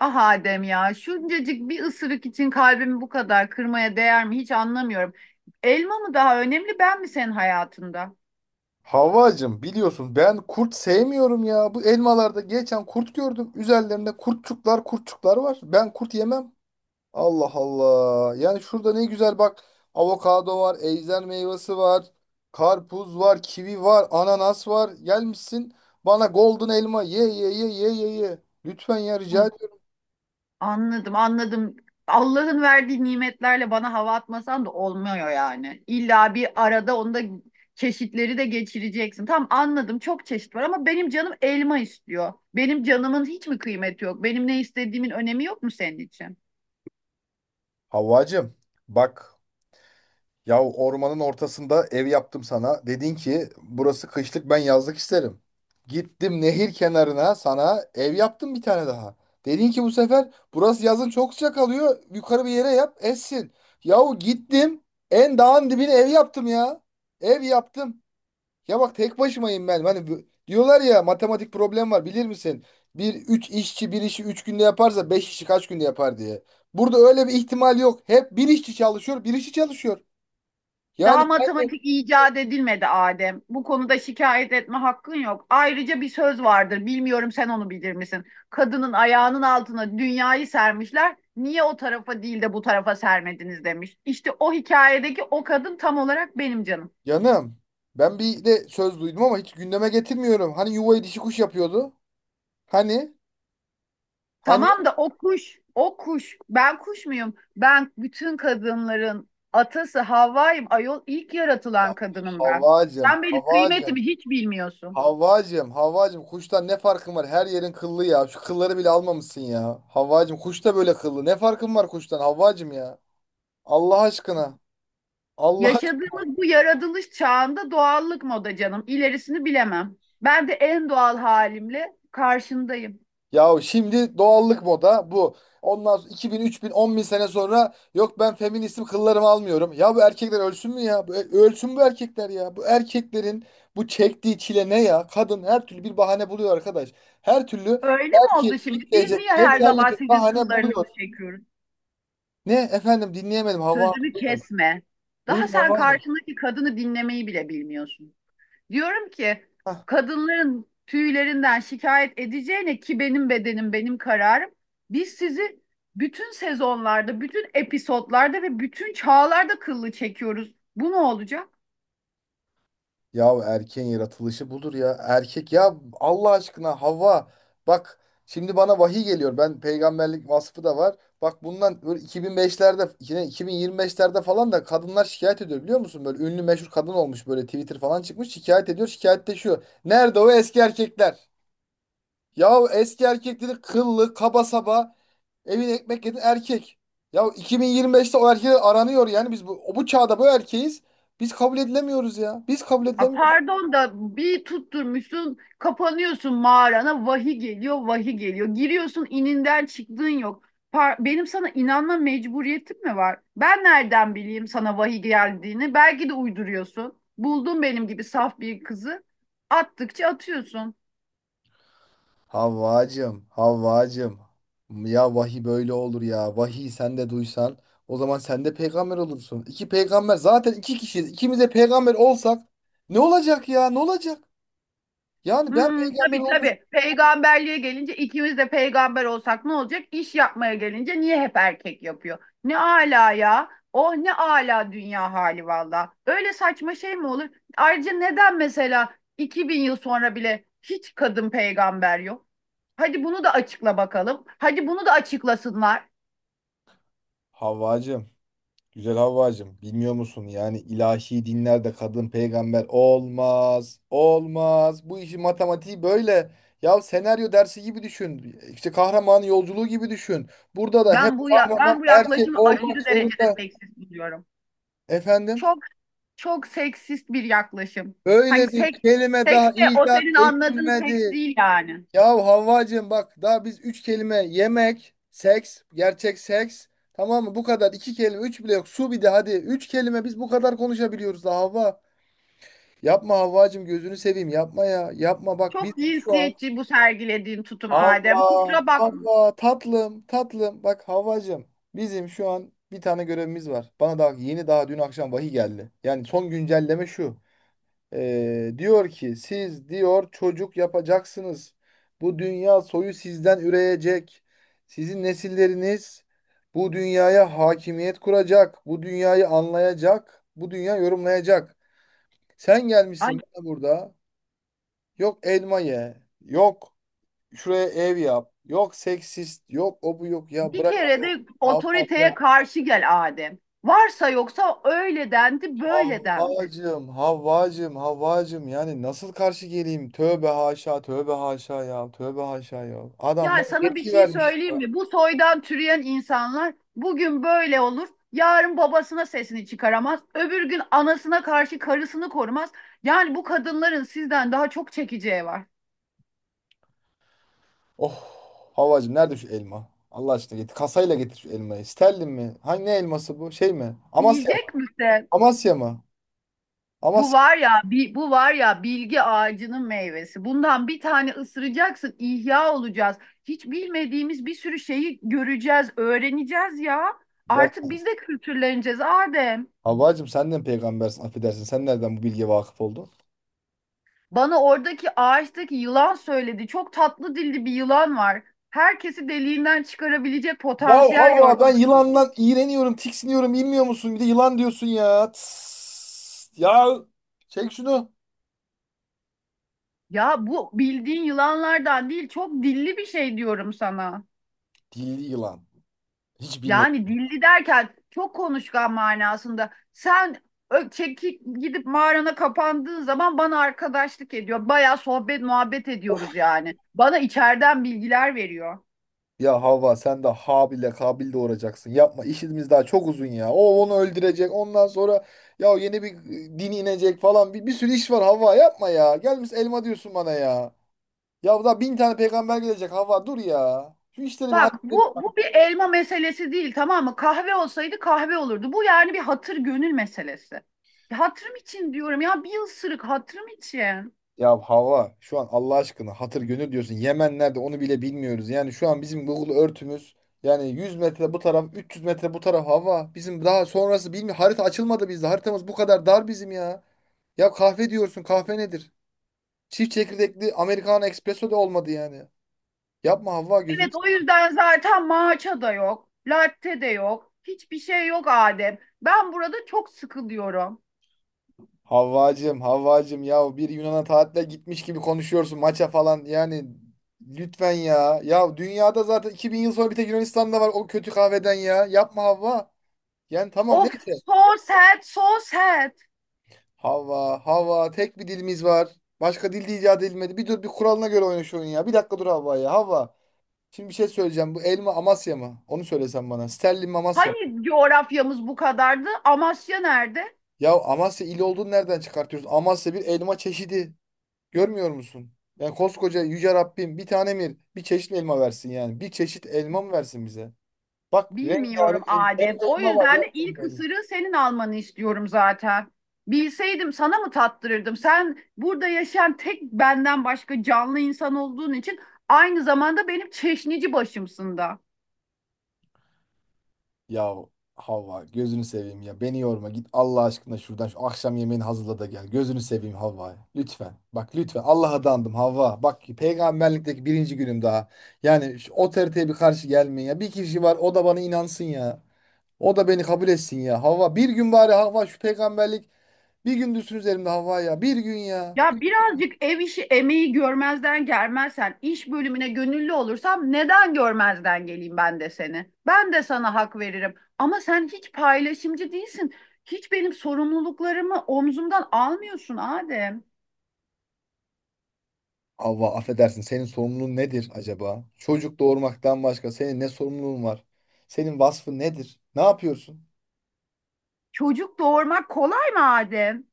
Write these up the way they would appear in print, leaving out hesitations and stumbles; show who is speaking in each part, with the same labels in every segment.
Speaker 1: Ah Adem ya, şuncacık bir ısırık için kalbimi bu kadar kırmaya değer mi hiç anlamıyorum. Elma mı daha önemli, ben mi senin hayatında?
Speaker 2: Havvacım biliyorsun ben kurt sevmiyorum ya. Bu elmalarda geçen kurt gördüm. Üzerlerinde kurtçuklar kurtçuklar var. Ben kurt yemem. Allah Allah. Yani şurada ne güzel bak. Avokado var, ejder meyvesi var, karpuz var, kivi var, ananas var. Gelmişsin bana golden elma ye ye ye ye ye ye. Lütfen ya rica
Speaker 1: Ay,
Speaker 2: ediyorum.
Speaker 1: anladım, anladım. Allah'ın verdiği nimetlerle bana hava atmasan da olmuyor yani. İlla bir arada onda çeşitleri de geçireceksin. Tamam anladım, çok çeşit var ama benim canım elma istiyor. Benim canımın hiç mi kıymeti yok? Benim ne istediğimin önemi yok mu senin için?
Speaker 2: Havvacım bak. Ya ormanın ortasında ev yaptım sana. Dedin ki burası kışlık, ben yazlık isterim. Gittim nehir kenarına sana ev yaptım bir tane daha. Dedin ki bu sefer burası yazın çok sıcak alıyor. Yukarı bir yere yap essin. Yahu gittim en dağın dibine ev yaptım ya. Ev yaptım. Ya bak tek başımayım ben. Hani diyorlar ya, matematik problem var bilir misin? Bir üç işçi bir işi üç günde yaparsa beş işçi kaç günde yapar diye. Burada öyle bir ihtimal yok. Hep bir işçi çalışıyor, bir işçi çalışıyor. Yani
Speaker 1: Daha
Speaker 2: sen de-.
Speaker 1: matematik icat edilmedi Adem. Bu konuda şikayet etme hakkın yok. Ayrıca bir söz vardır. Bilmiyorum sen onu bilir misin? Kadının ayağının altına dünyayı sermişler. Niye o tarafa değil de bu tarafa sermediniz demiş. İşte o hikayedeki o kadın tam olarak benim canım.
Speaker 2: Canım, ben bir de söz duydum ama hiç gündeme getirmiyorum. Hani yuvayı dişi kuş yapıyordu. Hani hani,
Speaker 1: Tamam da o kuş, o kuş. Ben kuş muyum? Ben bütün kadınların atası Havva'yım. Ayol ilk yaratılan kadınım ben.
Speaker 2: Havvacım,
Speaker 1: Sen benim
Speaker 2: Havvacım,
Speaker 1: kıymetimi hiç bilmiyorsun.
Speaker 2: Havvacım, Havvacım, kuştan ne farkın var? Her yerin kıllı ya. Şu kılları bile almamışsın ya. Havvacım, kuş da böyle kıllı. Ne farkın var kuştan Havvacım ya? Allah aşkına. Allah.
Speaker 1: Yaşadığımız bu yaratılış çağında doğallık moda canım. İlerisini bilemem. Ben de en doğal halimle karşındayım.
Speaker 2: Ya şimdi doğallık moda bu. Ondan sonra 2000, 3000, 10.000 sene sonra yok ben feministim kıllarımı almıyorum. Ya bu erkekler ölsün mü ya? Ölsün bu erkekler ya. Bu erkeklerin bu çektiği çile ne ya? Kadın her türlü bir bahane buluyor arkadaş. Her türlü
Speaker 1: Öyle mi oldu
Speaker 2: erkek
Speaker 1: şimdi? Biz
Speaker 2: kitleyecek
Speaker 1: niye her
Speaker 2: geçerli
Speaker 1: zaman
Speaker 2: bir
Speaker 1: sizin
Speaker 2: bahane buluyor.
Speaker 1: kıllarınızı çekiyoruz?
Speaker 2: Ne efendim, dinleyemedim Havva Hanım.
Speaker 1: Sözümü
Speaker 2: Buyurun,
Speaker 1: kesme. Daha
Speaker 2: buyurun
Speaker 1: sen
Speaker 2: Havva Hanım.
Speaker 1: karşındaki kadını dinlemeyi bile bilmiyorsun. Diyorum ki
Speaker 2: Heh.
Speaker 1: kadınların tüylerinden şikayet edeceğine ki benim bedenim benim kararım. Biz sizi bütün sezonlarda, bütün episodlarda ve bütün çağlarda kıllı çekiyoruz. Bu ne olacak?
Speaker 2: Ya erkeğin yaratılışı budur ya. Erkek ya Allah aşkına Havva, bak şimdi bana vahiy geliyor. Ben peygamberlik vasfı da var. Bak bundan böyle 2005'lerde yine 2025'lerde falan da kadınlar şikayet ediyor biliyor musun? Böyle ünlü meşhur kadın olmuş, böyle Twitter falan çıkmış şikayet ediyor, şikayette şu: nerede o eski erkekler? Ya eski erkek dedi kıllı kaba saba, evine ekmek yedi erkek. Ya 2025'te o erkekler aranıyor, yani biz bu çağda bu erkeğiz. Biz kabul edilemiyoruz ya. Biz kabul
Speaker 1: A,
Speaker 2: edilemiyoruz.
Speaker 1: pardon da bir tutturmuşsun, kapanıyorsun mağarana, vahiy geliyor, vahiy geliyor. Giriyorsun, ininden çıktığın yok. Benim sana inanma mecburiyetim mi var? Ben nereden bileyim sana vahiy geldiğini? Belki de uyduruyorsun. Buldun benim gibi saf bir kızı. Attıkça atıyorsun.
Speaker 2: Havvacım, Havvacım. Ya vahiy böyle olur ya. Vahiy sen de duysan o zaman sen de peygamber olursun. İki peygamber zaten, iki kişiyiz. İkimiz de peygamber olsak ne olacak ya? Ne olacak? Yani ben
Speaker 1: Hmm,
Speaker 2: peygamber
Speaker 1: tabii
Speaker 2: olmuş.
Speaker 1: tabii. Peygamberliğe gelince ikimiz de peygamber olsak ne olacak? İş yapmaya gelince niye hep erkek yapıyor? Ne ala ya. Oh ne ala dünya hali valla. Öyle saçma şey mi olur? Ayrıca neden mesela 2000 yıl sonra bile hiç kadın peygamber yok? Hadi bunu da açıkla bakalım. Hadi bunu da açıklasınlar.
Speaker 2: Havvacım, güzel Havvacım. Bilmiyor musun? Yani ilahi dinlerde kadın peygamber olmaz. Olmaz. Bu işin matematiği böyle. Ya senaryo dersi gibi düşün. İşte kahraman yolculuğu gibi düşün. Burada da hep kahraman
Speaker 1: Ben bu
Speaker 2: erkek
Speaker 1: yaklaşımı
Speaker 2: olmak
Speaker 1: aşırı derecede
Speaker 2: zorunda.
Speaker 1: seksist buluyorum.
Speaker 2: Efendim,
Speaker 1: Çok çok seksist bir yaklaşım. Hani
Speaker 2: böyle bir
Speaker 1: seks,
Speaker 2: kelime
Speaker 1: seks
Speaker 2: daha
Speaker 1: de o senin
Speaker 2: icat
Speaker 1: anladığın seks
Speaker 2: edilmedi.
Speaker 1: değil yani.
Speaker 2: Ya Havvacığım, bak daha biz üç kelime: yemek, seks, gerçek seks. Tamam mı? Bu kadar, iki kelime, üç bile yok. Su bir de, hadi. Üç kelime biz bu kadar konuşabiliyoruz da Havva. Yapma Havvacığım, gözünü seveyim yapma ya. Yapma bak
Speaker 1: Çok
Speaker 2: bizim şu an.
Speaker 1: cinsiyetçi bu sergilediğin tutum
Speaker 2: Havva,
Speaker 1: Adem. Kusura bakma.
Speaker 2: Havva tatlım, tatlım. Bak Havvacığım, bizim şu an bir tane görevimiz var. Bana daha yeni, daha dün akşam vahiy geldi. Yani son güncelleme şu. Diyor ki siz diyor çocuk yapacaksınız. Bu dünya soyu sizden üreyecek. Sizin nesilleriniz bu dünyaya hakimiyet kuracak. Bu dünyayı anlayacak. Bu dünya yorumlayacak. Sen
Speaker 1: Ay,
Speaker 2: gelmişsin bana burada. Yok elma ye. Yok şuraya ev yap. Yok seksist. Yok o bu yok. Ya
Speaker 1: bir
Speaker 2: bırak.
Speaker 1: kere
Speaker 2: Allah.
Speaker 1: de
Speaker 2: Allah.
Speaker 1: otoriteye
Speaker 2: Bırak.
Speaker 1: karşı gel Adem. Varsa yoksa öyle dendi, böyle dendi.
Speaker 2: Havvacım, Havvacım, Havvacım. Yani nasıl karşı geleyim? Tövbe haşa, tövbe haşa ya. Tövbe haşa ya. Adam
Speaker 1: Ya
Speaker 2: bana
Speaker 1: sana bir
Speaker 2: yetki
Speaker 1: şey
Speaker 2: vermiş.
Speaker 1: söyleyeyim mi? Bu soydan türeyen insanlar bugün böyle olur. Yarın babasına sesini çıkaramaz. Öbür gün anasına karşı karısını korumaz. Yani bu kadınların sizden daha çok çekeceği var.
Speaker 2: Oh, Havvacım nerede şu elma? Allah aşkına getir. Kasayla getir şu elmayı. Sterlin mi? Hangi ne elması bu? Şey mi? Amasya mı?
Speaker 1: Yiyecek misin?
Speaker 2: Amasya mı?
Speaker 1: Bu
Speaker 2: Amasya.
Speaker 1: var ya, bu var ya bilgi ağacının meyvesi. Bundan bir tane ısıracaksın, ihya olacağız. Hiç bilmediğimiz bir sürü şeyi göreceğiz, öğreneceğiz ya.
Speaker 2: Ya
Speaker 1: Artık biz de kültürleneceğiz Adem.
Speaker 2: Havvacım sen de mi peygambersin? Affedersin. Sen nereden bu bilgiye vakıf oldun?
Speaker 1: Bana oradaki ağaçtaki yılan söyledi. Çok tatlı dilli bir yılan var. Herkesi deliğinden çıkarabilecek
Speaker 2: Ya
Speaker 1: potansiyel
Speaker 2: Havva
Speaker 1: gördüm.
Speaker 2: ben yılandan iğreniyorum, tiksiniyorum. Bilmiyor musun? Bir de yılan diyorsun ya. Tıs. Ya çek şunu.
Speaker 1: Ya bu bildiğin yılanlardan değil, çok dilli bir şey diyorum sana.
Speaker 2: Dilli yılan. Hiç
Speaker 1: Yani
Speaker 2: bilmedim.
Speaker 1: dilli derken çok konuşkan manasında. Sen çekip gidip mağarana kapandığın zaman bana arkadaşlık ediyor. Bayağı sohbet muhabbet ediyoruz yani. Bana içeriden bilgiler veriyor.
Speaker 2: Ya Havva sen de Habil'le Kabil doğuracaksın. Yapma, işimiz daha çok uzun ya. O onu öldürecek. Ondan sonra ya yeni bir din inecek falan. Bir sürü iş var Havva, yapma ya. Gelmiş elma diyorsun bana ya. Ya daha bin tane peygamber gelecek Havva, dur ya. Şu işleri bir
Speaker 1: Bak
Speaker 2: halledelim.
Speaker 1: bu bir elma meselesi değil tamam mı? Kahve olsaydı kahve olurdu. Bu yani bir hatır gönül meselesi. Ya hatırım için diyorum ya, bir ısırık hatırım için.
Speaker 2: Ya Havva şu an Allah aşkına hatır gönül diyorsun. Yemen nerede onu bile bilmiyoruz. Yani şu an bizim Google örtümüz, yani 100 metre bu taraf, 300 metre bu taraf Havva. Bizim daha sonrası bilmiyor. Harita açılmadı bizde. Haritamız bu kadar dar bizim ya. Ya kahve diyorsun. Kahve nedir? Çift çekirdekli Americano, espresso da olmadı yani. Yapma Havva, gözünü
Speaker 1: Evet o
Speaker 2: seveyim.
Speaker 1: yüzden zaten matcha da yok. Latte de yok. Hiçbir şey yok Adem. Ben burada çok sıkılıyorum.
Speaker 2: Havvacım, Havvacım, ya bir Yunan'a tatile gitmiş gibi konuşuyorsun, maça falan yani, lütfen ya. Ya dünyada zaten 2000 yıl sonra bir tek Yunanistan'da var o kötü kahveden ya. Yapma Havva. Yani tamam,
Speaker 1: Of,
Speaker 2: neyse.
Speaker 1: so sad, so sad.
Speaker 2: Havva, Havva, tek bir dilimiz var. Başka dil de icat edilmedi. Bir dur, bir kuralına göre oyna şu oyunu ya. Bir dakika dur Havva ya. Havva. Şimdi bir şey söyleyeceğim. Bu elma Amasya mı? Onu söylesen bana. Sterlin mi, Amasya mı?
Speaker 1: Hani coğrafyamız bu kadardı? Amasya nerede?
Speaker 2: Ya Amasya il olduğunu nereden çıkartıyorsun? Amasya bir elma çeşidi. Görmüyor musun? Yani koskoca yüce Rabbim bir tane mi, bir çeşit mi elma versin yani? Bir çeşit elma mı versin bize? Bak
Speaker 1: Bilmiyorum
Speaker 2: rengarenk hem
Speaker 1: Adem.
Speaker 2: de
Speaker 1: O
Speaker 2: elma var
Speaker 1: yüzden
Speaker 2: ya,
Speaker 1: de
Speaker 2: hem
Speaker 1: ilk
Speaker 2: de elma.
Speaker 1: ısırığı senin almanı istiyorum zaten. Bilseydim sana mı tattırırdım? Sen burada yaşayan tek benden başka canlı insan olduğun için aynı zamanda benim çeşnici başımsın da.
Speaker 2: Ya Havva gözünü seveyim ya. Beni yorma, git Allah aşkına şuradan şu akşam yemeğini hazırla da gel. Gözünü seveyim Havva. Lütfen. Bak lütfen, Allah'a dandım Havva. Bak peygamberlikteki birinci günüm daha. Yani şu otoriteye bir karşı gelmeyin ya. Bir kişi var, o da bana inansın ya. O da beni kabul etsin ya. Havva bir gün bari, Havva şu peygamberlik bir gün düşsün üzerimde Havva ya. Bir gün ya.
Speaker 1: Ya birazcık ev işi emeği görmezden gelmezsen, iş bölümüne gönüllü olursam neden görmezden geleyim ben de seni? Ben de sana hak veririm. Ama sen hiç paylaşımcı değilsin. Hiç benim sorumluluklarımı omzumdan almıyorsun Adem.
Speaker 2: Havva affedersin, senin sorumluluğun nedir acaba? Çocuk doğurmaktan başka senin ne sorumluluğun var? Senin vasfın nedir? Ne yapıyorsun?
Speaker 1: Çocuk doğurmak kolay mı Adem?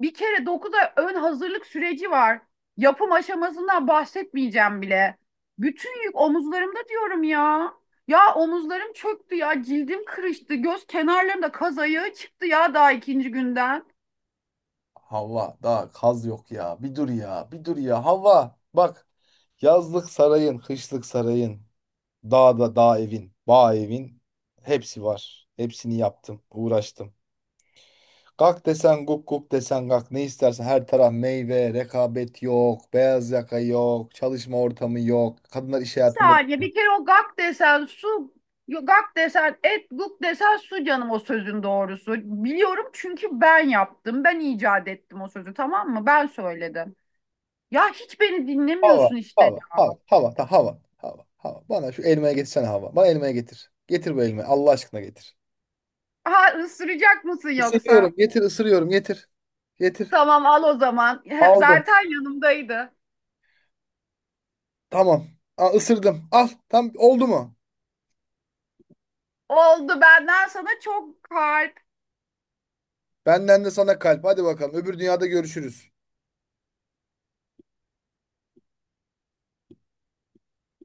Speaker 1: Bir kere 9 ay ön hazırlık süreci var. Yapım aşamasından bahsetmeyeceğim bile. Bütün yük omuzlarımda diyorum ya. Ya omuzlarım çöktü ya, cildim kırıştı, göz kenarlarımda kaz ayağı çıktı ya daha ikinci günden.
Speaker 2: Havva daha kaz yok ya. Bir dur ya. Bir dur ya. Havva bak. Yazlık sarayın, kışlık sarayın, dağda dağ evin, bağ evin, hepsi var. Hepsini yaptım, uğraştım. Kalk desen guk guk desen kalk, ne istersen her taraf meyve, rekabet yok, beyaz yaka yok, çalışma ortamı yok. Kadınlar iş
Speaker 1: Bir
Speaker 2: hayatında
Speaker 1: saniye,
Speaker 2: değil.
Speaker 1: bir kere o gak desen su, gak desen et, guk desen su canım o sözün doğrusu. Biliyorum çünkü ben yaptım, ben icat ettim o sözü tamam mı? Ben söyledim. Ya hiç beni
Speaker 2: Hava,
Speaker 1: dinlemiyorsun işte.
Speaker 2: hava, hava, hava, ta, hava, hava, hava. Bana şu elmaya getirsene hava. Bana elmaya getir. Getir bu elmayı. Allah aşkına getir.
Speaker 1: Ha ısıracak mısın yoksa?
Speaker 2: Isırıyorum, getir, ısırıyorum, getir. Getir.
Speaker 1: Tamam al o zaman.
Speaker 2: Aldım.
Speaker 1: Zaten yanımdaydı.
Speaker 2: Tamam. Aa, ısırdım. Al. Tam oldu mu?
Speaker 1: Oldu, benden sana çok harika
Speaker 2: Benden de sana kalp. Hadi bakalım. Öbür dünyada görüşürüz.